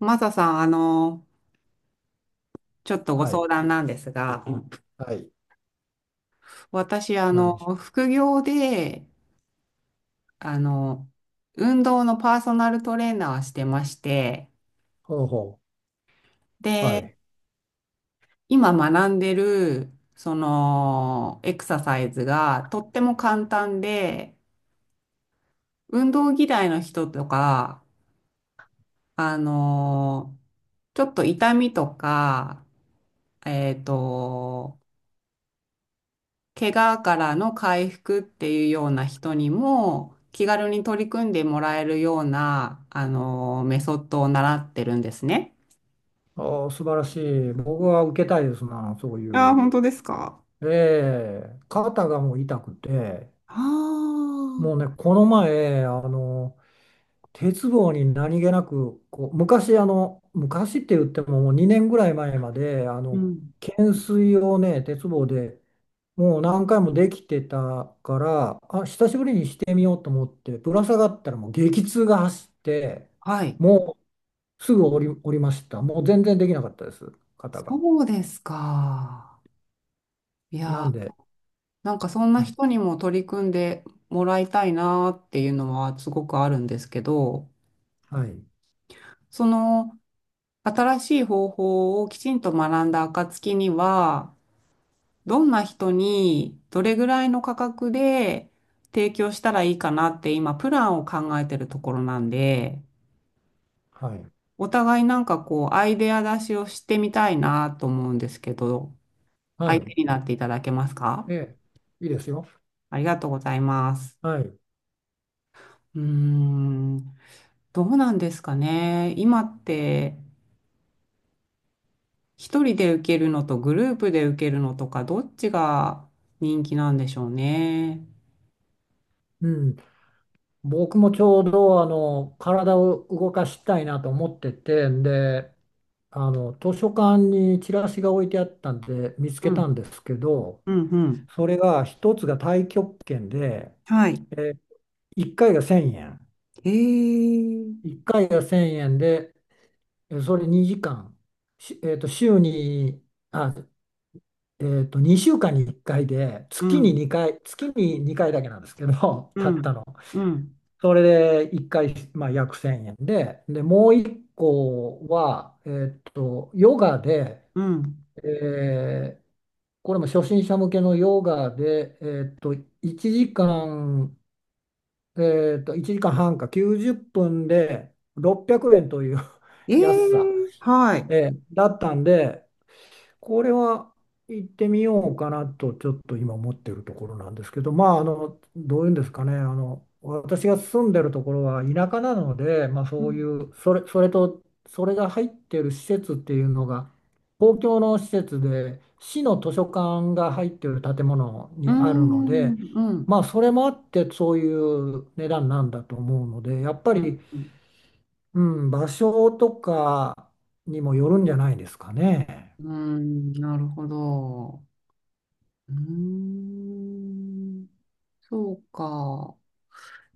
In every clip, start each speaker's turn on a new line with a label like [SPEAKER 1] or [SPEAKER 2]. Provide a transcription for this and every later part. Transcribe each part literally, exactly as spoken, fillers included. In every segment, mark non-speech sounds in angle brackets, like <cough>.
[SPEAKER 1] マサさん、あの、ちょっとご
[SPEAKER 2] はい。
[SPEAKER 1] 相談なんですが、うん
[SPEAKER 2] はい。
[SPEAKER 1] 私、あ
[SPEAKER 2] なん
[SPEAKER 1] の、
[SPEAKER 2] でしょう。
[SPEAKER 1] 副業で、あの、運動のパーソナルトレーナーしてまして、
[SPEAKER 2] ほうほう。は
[SPEAKER 1] で、
[SPEAKER 2] い。
[SPEAKER 1] 今学んでる、その、エクササイズがとっても簡単で、運動嫌いの人とか、あの、ちょっと痛みとか、えっと、怪我からの回復っていうような人にも気軽に取り組んでもらえるような、あの、メソッドを習ってるんですね。
[SPEAKER 2] おー、素晴らしい。僕は受けたいですな、そうい
[SPEAKER 1] ああ、
[SPEAKER 2] う。
[SPEAKER 1] 本当ですか。
[SPEAKER 2] ええ、肩がもう痛くて、
[SPEAKER 1] あ
[SPEAKER 2] もうね、
[SPEAKER 1] あ、
[SPEAKER 2] この前、あの、鉄棒に何気なく、こう、昔、あの、昔って言ってももうにねんぐらい前まで、あ
[SPEAKER 1] う
[SPEAKER 2] の、
[SPEAKER 1] ん。
[SPEAKER 2] 懸垂をね、鉄棒でもう何回もできてたから、あ、久しぶりにしてみようと思って、ぶら下がったらもう激痛が走って、
[SPEAKER 1] はい。
[SPEAKER 2] もうすぐ降り、降りました。もう全然できなかったです、方が。
[SPEAKER 1] そうですか。い
[SPEAKER 2] なん
[SPEAKER 1] や、
[SPEAKER 2] で、
[SPEAKER 1] なんかそんな
[SPEAKER 2] はい、
[SPEAKER 1] 人にも取り組んでもらいたいなっていうのはすごくあるんですけど、
[SPEAKER 2] はい、
[SPEAKER 1] その新しい方法をきちんと学んだ暁には、どんな人にどれぐらいの価格で提供したらいいかなって今プランを考えてるところなんで、
[SPEAKER 2] はい、
[SPEAKER 1] お互いなんかこうアイデア出しをしてみたいなと思うんですけど、
[SPEAKER 2] は
[SPEAKER 1] 相
[SPEAKER 2] い、
[SPEAKER 1] 手になっていただけますか？
[SPEAKER 2] ええ、いいですよ。
[SPEAKER 1] ありがとうございます。
[SPEAKER 2] はい、
[SPEAKER 1] うーん、どうなんですかね。今って一人で受けるのとグループで受けるのとかどっちが人気なんでしょうね。
[SPEAKER 2] うん。僕もちょうど、あの、体を動かしたいなと思ってて、で、あの、図書館にチラシが置いてあったんで、見つけ
[SPEAKER 1] う
[SPEAKER 2] たん
[SPEAKER 1] ん、
[SPEAKER 2] ですけど、
[SPEAKER 1] うん、うん。
[SPEAKER 2] それが一つが太極拳で、
[SPEAKER 1] はい。
[SPEAKER 2] え、いっかいがせんえん。
[SPEAKER 1] えー。
[SPEAKER 2] いっかいがせんえんで、えそれにじかん、しえっと、週に、あ、えっと、にしゅうかんにいっかいで、
[SPEAKER 1] う
[SPEAKER 2] 月に
[SPEAKER 1] ん、
[SPEAKER 2] にかい、月ににかいだけなんですけど、<laughs>
[SPEAKER 1] う
[SPEAKER 2] たった
[SPEAKER 1] ん、
[SPEAKER 2] の。
[SPEAKER 1] うん、
[SPEAKER 2] それでいっかい、まあ、約せんえんで、で、もういっこは、えっと、ヨガで、
[SPEAKER 1] うん。
[SPEAKER 2] えーこれも初心者向けのヨガで、えっと、いちじかん、えっと、いちじかんはんかきゅうじっぷんでろっぴゃくえんという <laughs>
[SPEAKER 1] え
[SPEAKER 2] 安さ、
[SPEAKER 1] え、はい。
[SPEAKER 2] えーだったんで、これは行ってみようかなとちょっと今思ってるところなんですけど、まあ、あのどういうんですかね、あの私が住んでるところは田舎なので、まあ、
[SPEAKER 1] う
[SPEAKER 2] そうい
[SPEAKER 1] ん、
[SPEAKER 2] うそれ、それとそれが入ってる施設っていうのが公共の施設で、市の図書館が入ってる建物
[SPEAKER 1] う
[SPEAKER 2] にあるの
[SPEAKER 1] ん、
[SPEAKER 2] で、
[SPEAKER 1] うん、
[SPEAKER 2] まあ、それもあってそういう値段なんだと思うので、やっぱ
[SPEAKER 1] うん、
[SPEAKER 2] り、うん、場所とかにもよるんじゃないですかね。
[SPEAKER 1] うん、なるほど。うーん、そうか。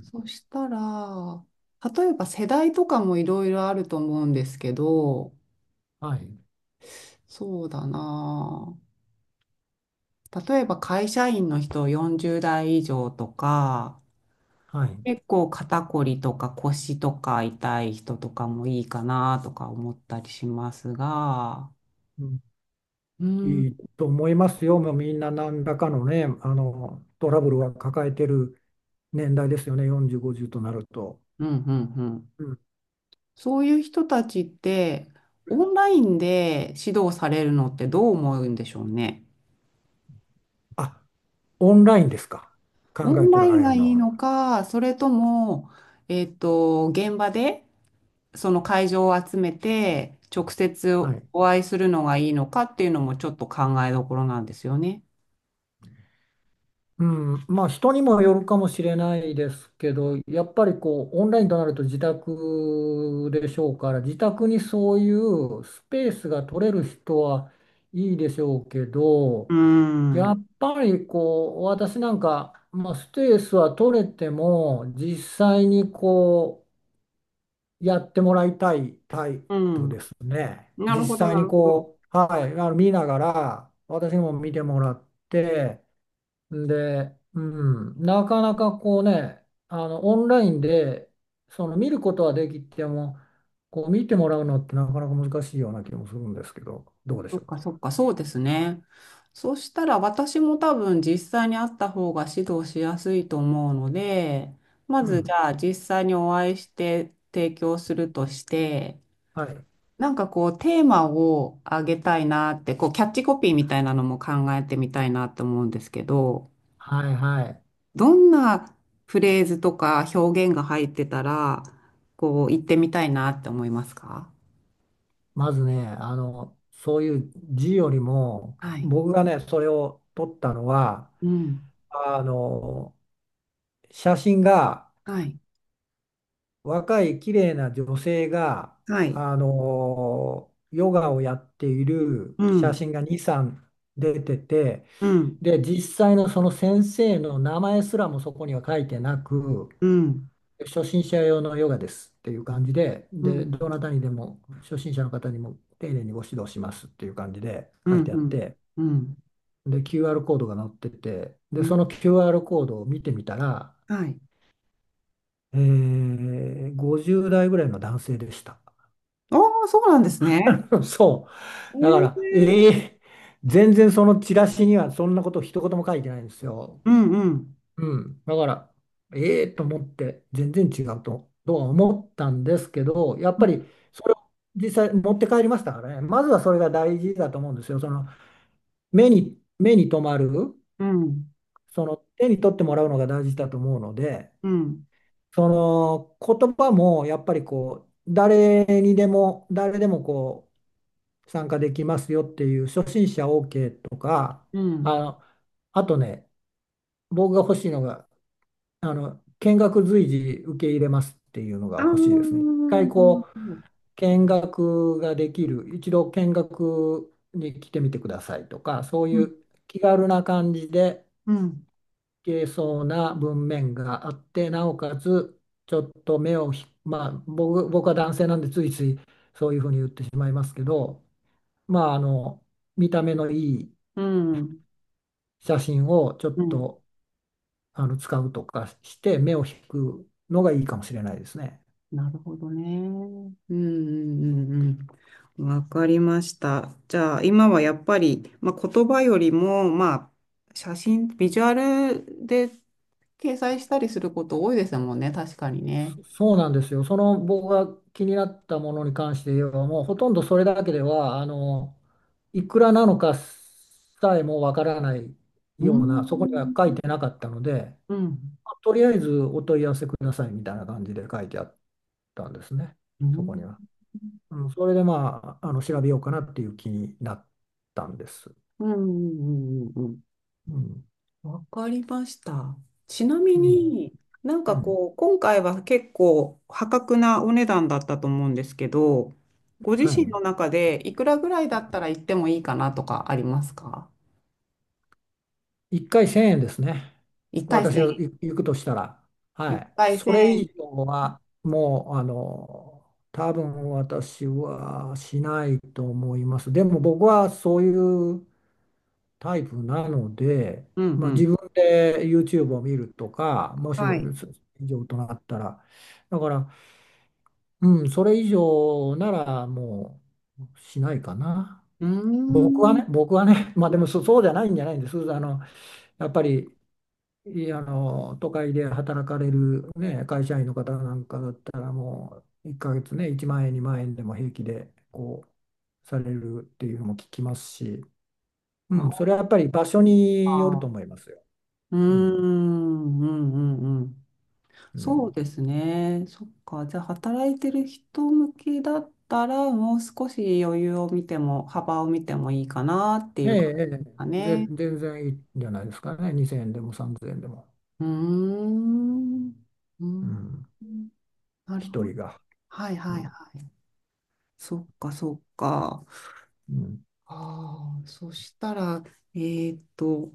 [SPEAKER 1] そしたら、例えば世代とかもいろいろあると思うんですけど、
[SPEAKER 2] はい、
[SPEAKER 1] そうだな。例えば会社員の人よんじゅう代以上とか、
[SPEAKER 2] はい、
[SPEAKER 1] 結構肩こりとか腰とか痛い人とかもいいかなとか思ったりしますが、
[SPEAKER 2] うん、
[SPEAKER 1] うん、うん、
[SPEAKER 2] いいと思いますよ。もうみんな何らかのね、あの、トラブルは抱えてる年代ですよね。よんじゅう、ごじゅうとなると。
[SPEAKER 1] うん、うん。
[SPEAKER 2] うん。
[SPEAKER 1] そういう人たちって、オンラインで指導されるのってどう思うんでしょうね。
[SPEAKER 2] あ、オンラインですか。考
[SPEAKER 1] オ
[SPEAKER 2] え
[SPEAKER 1] ン
[SPEAKER 2] と
[SPEAKER 1] ライ
[SPEAKER 2] ら
[SPEAKER 1] ン
[SPEAKER 2] れ
[SPEAKER 1] が
[SPEAKER 2] る
[SPEAKER 1] い
[SPEAKER 2] の
[SPEAKER 1] い
[SPEAKER 2] は。
[SPEAKER 1] のか、それとも、えっと、現場でその会場を集めて直接
[SPEAKER 2] はい。
[SPEAKER 1] お会いするのがいいのかっていうのもちょっと考えどころなんですよね。
[SPEAKER 2] うん。まあ、人にもよるかもしれないですけど、やっぱりこう、オンラインとなると自宅でしょうから、自宅にそういうスペースが取れる人はいいでしょうけど、
[SPEAKER 1] う
[SPEAKER 2] や
[SPEAKER 1] ん。
[SPEAKER 2] っぱりこう、私なんか、まあ、スペースは取れても実際にこうやってもらいたいタイ
[SPEAKER 1] う
[SPEAKER 2] プ
[SPEAKER 1] ん。
[SPEAKER 2] ね、
[SPEAKER 1] なる
[SPEAKER 2] 実
[SPEAKER 1] ほど、
[SPEAKER 2] 際
[SPEAKER 1] な
[SPEAKER 2] に
[SPEAKER 1] るほど。
[SPEAKER 2] こう、はい、あの見ながら私にも見てもらって、で、うん、なかなかこうね、あのオンラインでその見ることはできても、こう見てもらうのってなかなか難しいような気もするんですけど、どうで
[SPEAKER 1] そ
[SPEAKER 2] しょ
[SPEAKER 1] っ
[SPEAKER 2] う
[SPEAKER 1] かそ
[SPEAKER 2] か。
[SPEAKER 1] っか、そうですね。そしたら私も多分実際に会った方が指導しやすいと思うので、ま
[SPEAKER 2] う
[SPEAKER 1] ずじ
[SPEAKER 2] ん、
[SPEAKER 1] ゃあ実際にお会いして提供するとして、
[SPEAKER 2] はい、
[SPEAKER 1] なんかこうテーマをあげたいなって、こうキャッチコピーみたいなのも考えてみたいなって思うんですけど、
[SPEAKER 2] はい、はい、
[SPEAKER 1] どんなフレーズとか表現が入ってたら、こう言ってみたいなって思いますか？
[SPEAKER 2] まずね、あの、そういう字よりも、
[SPEAKER 1] はい。
[SPEAKER 2] 僕がね、それを撮ったのは、
[SPEAKER 1] うん。
[SPEAKER 2] あの、写真が、
[SPEAKER 1] はい。
[SPEAKER 2] 若い綺麗な女性が、
[SPEAKER 1] はい。
[SPEAKER 2] あの、ヨガをやっている
[SPEAKER 1] う
[SPEAKER 2] 写
[SPEAKER 1] ん。
[SPEAKER 2] 真がに、さん出てて、
[SPEAKER 1] うん。
[SPEAKER 2] で、実際のその先生の名前すらもそこには書いてなく、
[SPEAKER 1] うん。
[SPEAKER 2] 初心者用のヨガですっていう感じで、
[SPEAKER 1] う
[SPEAKER 2] で、
[SPEAKER 1] ん、
[SPEAKER 2] どなたにでも、初心者の方にも丁寧にご指導しますっていう感じで
[SPEAKER 1] う
[SPEAKER 2] 書い
[SPEAKER 1] ん、
[SPEAKER 2] てあ
[SPEAKER 1] う
[SPEAKER 2] っ
[SPEAKER 1] ん、
[SPEAKER 2] て、
[SPEAKER 1] うん、
[SPEAKER 2] で、キューアール コードが載ってて、
[SPEAKER 1] う
[SPEAKER 2] で、そ
[SPEAKER 1] ん。
[SPEAKER 2] の キューアール コードを見てみたら、
[SPEAKER 1] はい。
[SPEAKER 2] えー、ごじゅう代ぐらいの男性でした。
[SPEAKER 1] ああ、そうなんですね。
[SPEAKER 2] <laughs> そう。だから、え
[SPEAKER 1] ええ、
[SPEAKER 2] ー、全然そのチラシにはそんなこと一言も書いてないんですよ。
[SPEAKER 1] うん、うん、
[SPEAKER 2] うん。だから、えーと思って、全然違うと、とは思ったんですけど、やっ
[SPEAKER 1] う
[SPEAKER 2] ぱ
[SPEAKER 1] ん、
[SPEAKER 2] り、それを実際持って帰りましたからね。まずはそれが大事だと思うんですよ。その、目に、目に留まる、
[SPEAKER 1] うん、
[SPEAKER 2] その、手に取ってもらうのが大事だと思うので、
[SPEAKER 1] うん、
[SPEAKER 2] その言葉もやっぱりこう、誰にでも、誰でもこう参加できますよっていう、初心者 オーケー とか、
[SPEAKER 1] う
[SPEAKER 2] あ
[SPEAKER 1] ん。
[SPEAKER 2] のあとね、僕が欲しいのが、あの見学随時受け入れますっていうのが
[SPEAKER 1] ああ、
[SPEAKER 2] 欲しいですね。一回
[SPEAKER 1] なる
[SPEAKER 2] こう
[SPEAKER 1] ほど。
[SPEAKER 2] 見学ができる、一度見学に来てみてくださいとか、そう
[SPEAKER 1] う
[SPEAKER 2] い
[SPEAKER 1] ん、
[SPEAKER 2] う気軽な感じで
[SPEAKER 1] うん、
[SPEAKER 2] けそうな文面があって、なおかつちょっと目をひまあ、僕、僕は男性なんでついついそういうふうに言ってしまいますけど、まあ、あの見た目のいい
[SPEAKER 1] うん、
[SPEAKER 2] 写真をちょっ
[SPEAKER 1] うん。
[SPEAKER 2] とあの使うとかして目を引くのがいいかもしれないですね。
[SPEAKER 1] なるほどね。うん、うん、うんうん。わかりました。じゃあ、今はやっぱり、まあ、言葉よりも、まあ、写真、ビジュアルで掲載したりすること多いですもんね。確かにね。
[SPEAKER 2] そうなんですよ。その、僕が気になったものに関して言えば、もうほとんどそれだけでは、あのいくらなのかさえもわからない
[SPEAKER 1] う
[SPEAKER 2] ような、そこには書い
[SPEAKER 1] ん。
[SPEAKER 2] てなかったので。
[SPEAKER 1] うん。
[SPEAKER 2] とりあえずお問い合わせくださいみたいな感じで書いてあったんですね、
[SPEAKER 1] う
[SPEAKER 2] そこに
[SPEAKER 1] ん。
[SPEAKER 2] は。うん、それでまあ、あの調べようかなっていう気になったんです。
[SPEAKER 1] うん。うんうんうん。
[SPEAKER 2] うん、
[SPEAKER 1] わかりました。ちなみ
[SPEAKER 2] うん、
[SPEAKER 1] になん
[SPEAKER 2] う
[SPEAKER 1] か
[SPEAKER 2] ん。
[SPEAKER 1] こう、今回は結構破格なお値段だったと思うんですけど、ご自
[SPEAKER 2] は
[SPEAKER 1] 身
[SPEAKER 2] い。
[SPEAKER 1] の中でいくらぐらいだったら行ってもいいかなとかありますか？
[SPEAKER 2] いっかいせんえんですね。
[SPEAKER 1] 一回
[SPEAKER 2] 私
[SPEAKER 1] 千
[SPEAKER 2] が
[SPEAKER 1] 円。
[SPEAKER 2] 行行くとしたら。は
[SPEAKER 1] 一
[SPEAKER 2] い。
[SPEAKER 1] 回
[SPEAKER 2] それ以
[SPEAKER 1] 千、
[SPEAKER 2] 上は、もう、あの、多分私はしないと思います。でも僕はそういうタイプなので、
[SPEAKER 1] うんう
[SPEAKER 2] まあ、自
[SPEAKER 1] ん。
[SPEAKER 2] 分で ユーチューブ を見るとか、もし
[SPEAKER 1] はい。
[SPEAKER 2] そ以上となったら、だから、うん、それ以上ならもうしないかな。
[SPEAKER 1] うー
[SPEAKER 2] 僕は
[SPEAKER 1] ん。
[SPEAKER 2] ね、僕はね、<laughs> まあでも、そ、そうじゃないんじゃないんです。あの、やっぱり、いあの、都会で働かれる、ね、会社員の方なんかだったら、もういっかげつね、いちまん円、にまん円でも平気で、こう、されるっていうのも聞きますし、うん、
[SPEAKER 1] あ
[SPEAKER 2] それはやっぱり場所によると思
[SPEAKER 1] あ。
[SPEAKER 2] いますよ。
[SPEAKER 1] うー
[SPEAKER 2] うん、
[SPEAKER 1] ん。うんうんうん。
[SPEAKER 2] う
[SPEAKER 1] そう
[SPEAKER 2] ん、
[SPEAKER 1] ですね。そっか。じゃあ、働いてる人向けだったら、もう少し余裕を見ても、幅を見てもいいかなってい
[SPEAKER 2] ええ、
[SPEAKER 1] う感
[SPEAKER 2] え
[SPEAKER 1] じですか
[SPEAKER 2] え、ぜ、
[SPEAKER 1] ね。
[SPEAKER 2] 全然いいんじゃないですかね。にせんえんでもさんぜんえんでも。
[SPEAKER 1] うーん。うー
[SPEAKER 2] う
[SPEAKER 1] ん。
[SPEAKER 2] ん、
[SPEAKER 1] なる
[SPEAKER 2] 一
[SPEAKER 1] ほ
[SPEAKER 2] 人
[SPEAKER 1] ど。
[SPEAKER 2] が。
[SPEAKER 1] はい
[SPEAKER 2] う
[SPEAKER 1] はいは
[SPEAKER 2] ん、
[SPEAKER 1] い。そっかそっか。
[SPEAKER 2] うん、
[SPEAKER 1] ああ、そしたら、えーっと、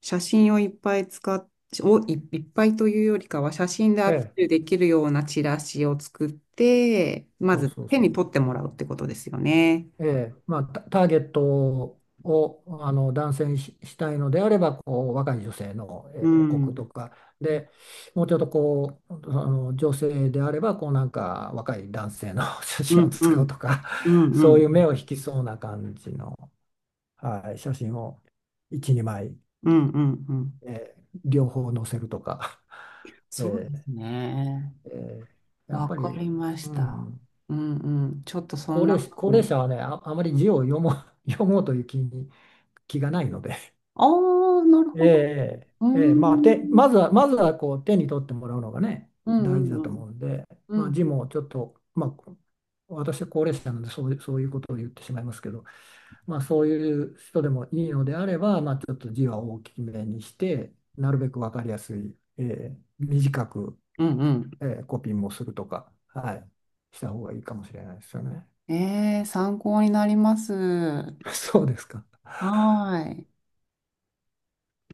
[SPEAKER 1] 写真をいっぱい使っ、をい、いっぱいというよりかは、写真で
[SPEAKER 2] え
[SPEAKER 1] アピ
[SPEAKER 2] え、
[SPEAKER 1] ールできるようなチラシを作って、ま
[SPEAKER 2] そう
[SPEAKER 1] ず
[SPEAKER 2] そう
[SPEAKER 1] 手
[SPEAKER 2] そ
[SPEAKER 1] に
[SPEAKER 2] う。
[SPEAKER 1] 取ってもらうってことですよね。
[SPEAKER 2] ええ、まあ、タ、ターゲットをあの男性にし、したいのであれば、こう、若い女性の、
[SPEAKER 1] う
[SPEAKER 2] え、置くと
[SPEAKER 1] ん。
[SPEAKER 2] か、
[SPEAKER 1] うん
[SPEAKER 2] で、もうちょっとこう、あの女性であれば、こう、なんか若い男性の <laughs> 写
[SPEAKER 1] う
[SPEAKER 2] 真を
[SPEAKER 1] ん。う
[SPEAKER 2] 使う
[SPEAKER 1] ん
[SPEAKER 2] とか、
[SPEAKER 1] うんう
[SPEAKER 2] そういう目
[SPEAKER 1] ん。
[SPEAKER 2] を引きそうな感じの、はい、写真をいち、にまい。
[SPEAKER 1] うんうんうん。
[SPEAKER 2] えー両方乗せるとか、<laughs>
[SPEAKER 1] そう
[SPEAKER 2] え
[SPEAKER 1] で
[SPEAKER 2] ー
[SPEAKER 1] すね。
[SPEAKER 2] えーやっ
[SPEAKER 1] わ
[SPEAKER 2] ぱ
[SPEAKER 1] か
[SPEAKER 2] り、
[SPEAKER 1] りま
[SPEAKER 2] う
[SPEAKER 1] した。
[SPEAKER 2] ん、
[SPEAKER 1] うんうん。ちょっとそん
[SPEAKER 2] 高
[SPEAKER 1] な
[SPEAKER 2] 齢者、高
[SPEAKER 1] ふう
[SPEAKER 2] 齢
[SPEAKER 1] に。
[SPEAKER 2] 者はね、あ、あまり字を読もう、<laughs> 読もうという気に、気がないので、<laughs>
[SPEAKER 1] ああ、なるほど。
[SPEAKER 2] え
[SPEAKER 1] うー
[SPEAKER 2] ーえーまあ、手
[SPEAKER 1] ん。
[SPEAKER 2] まずは、まずはこう手に取ってもらうのがね、
[SPEAKER 1] う
[SPEAKER 2] 大事
[SPEAKER 1] ん
[SPEAKER 2] だ
[SPEAKER 1] うん
[SPEAKER 2] と
[SPEAKER 1] う
[SPEAKER 2] 思う
[SPEAKER 1] ん。
[SPEAKER 2] んで、
[SPEAKER 1] う
[SPEAKER 2] まあ、字
[SPEAKER 1] ん
[SPEAKER 2] もちょっと、まあ、私は高齢者なのでそういう、そういうことを言ってしまいますけど、まあ、そういう人でもいいのであれば、まあ、ちょっと字は大きめにして、なるべく分かりやすい、えー短く
[SPEAKER 1] うんうん。
[SPEAKER 2] えーコピーもするとか、はい、した方がいいかもしれないですよね。
[SPEAKER 1] ええ、参考になります。は
[SPEAKER 2] <laughs> そうですか。
[SPEAKER 1] ーい。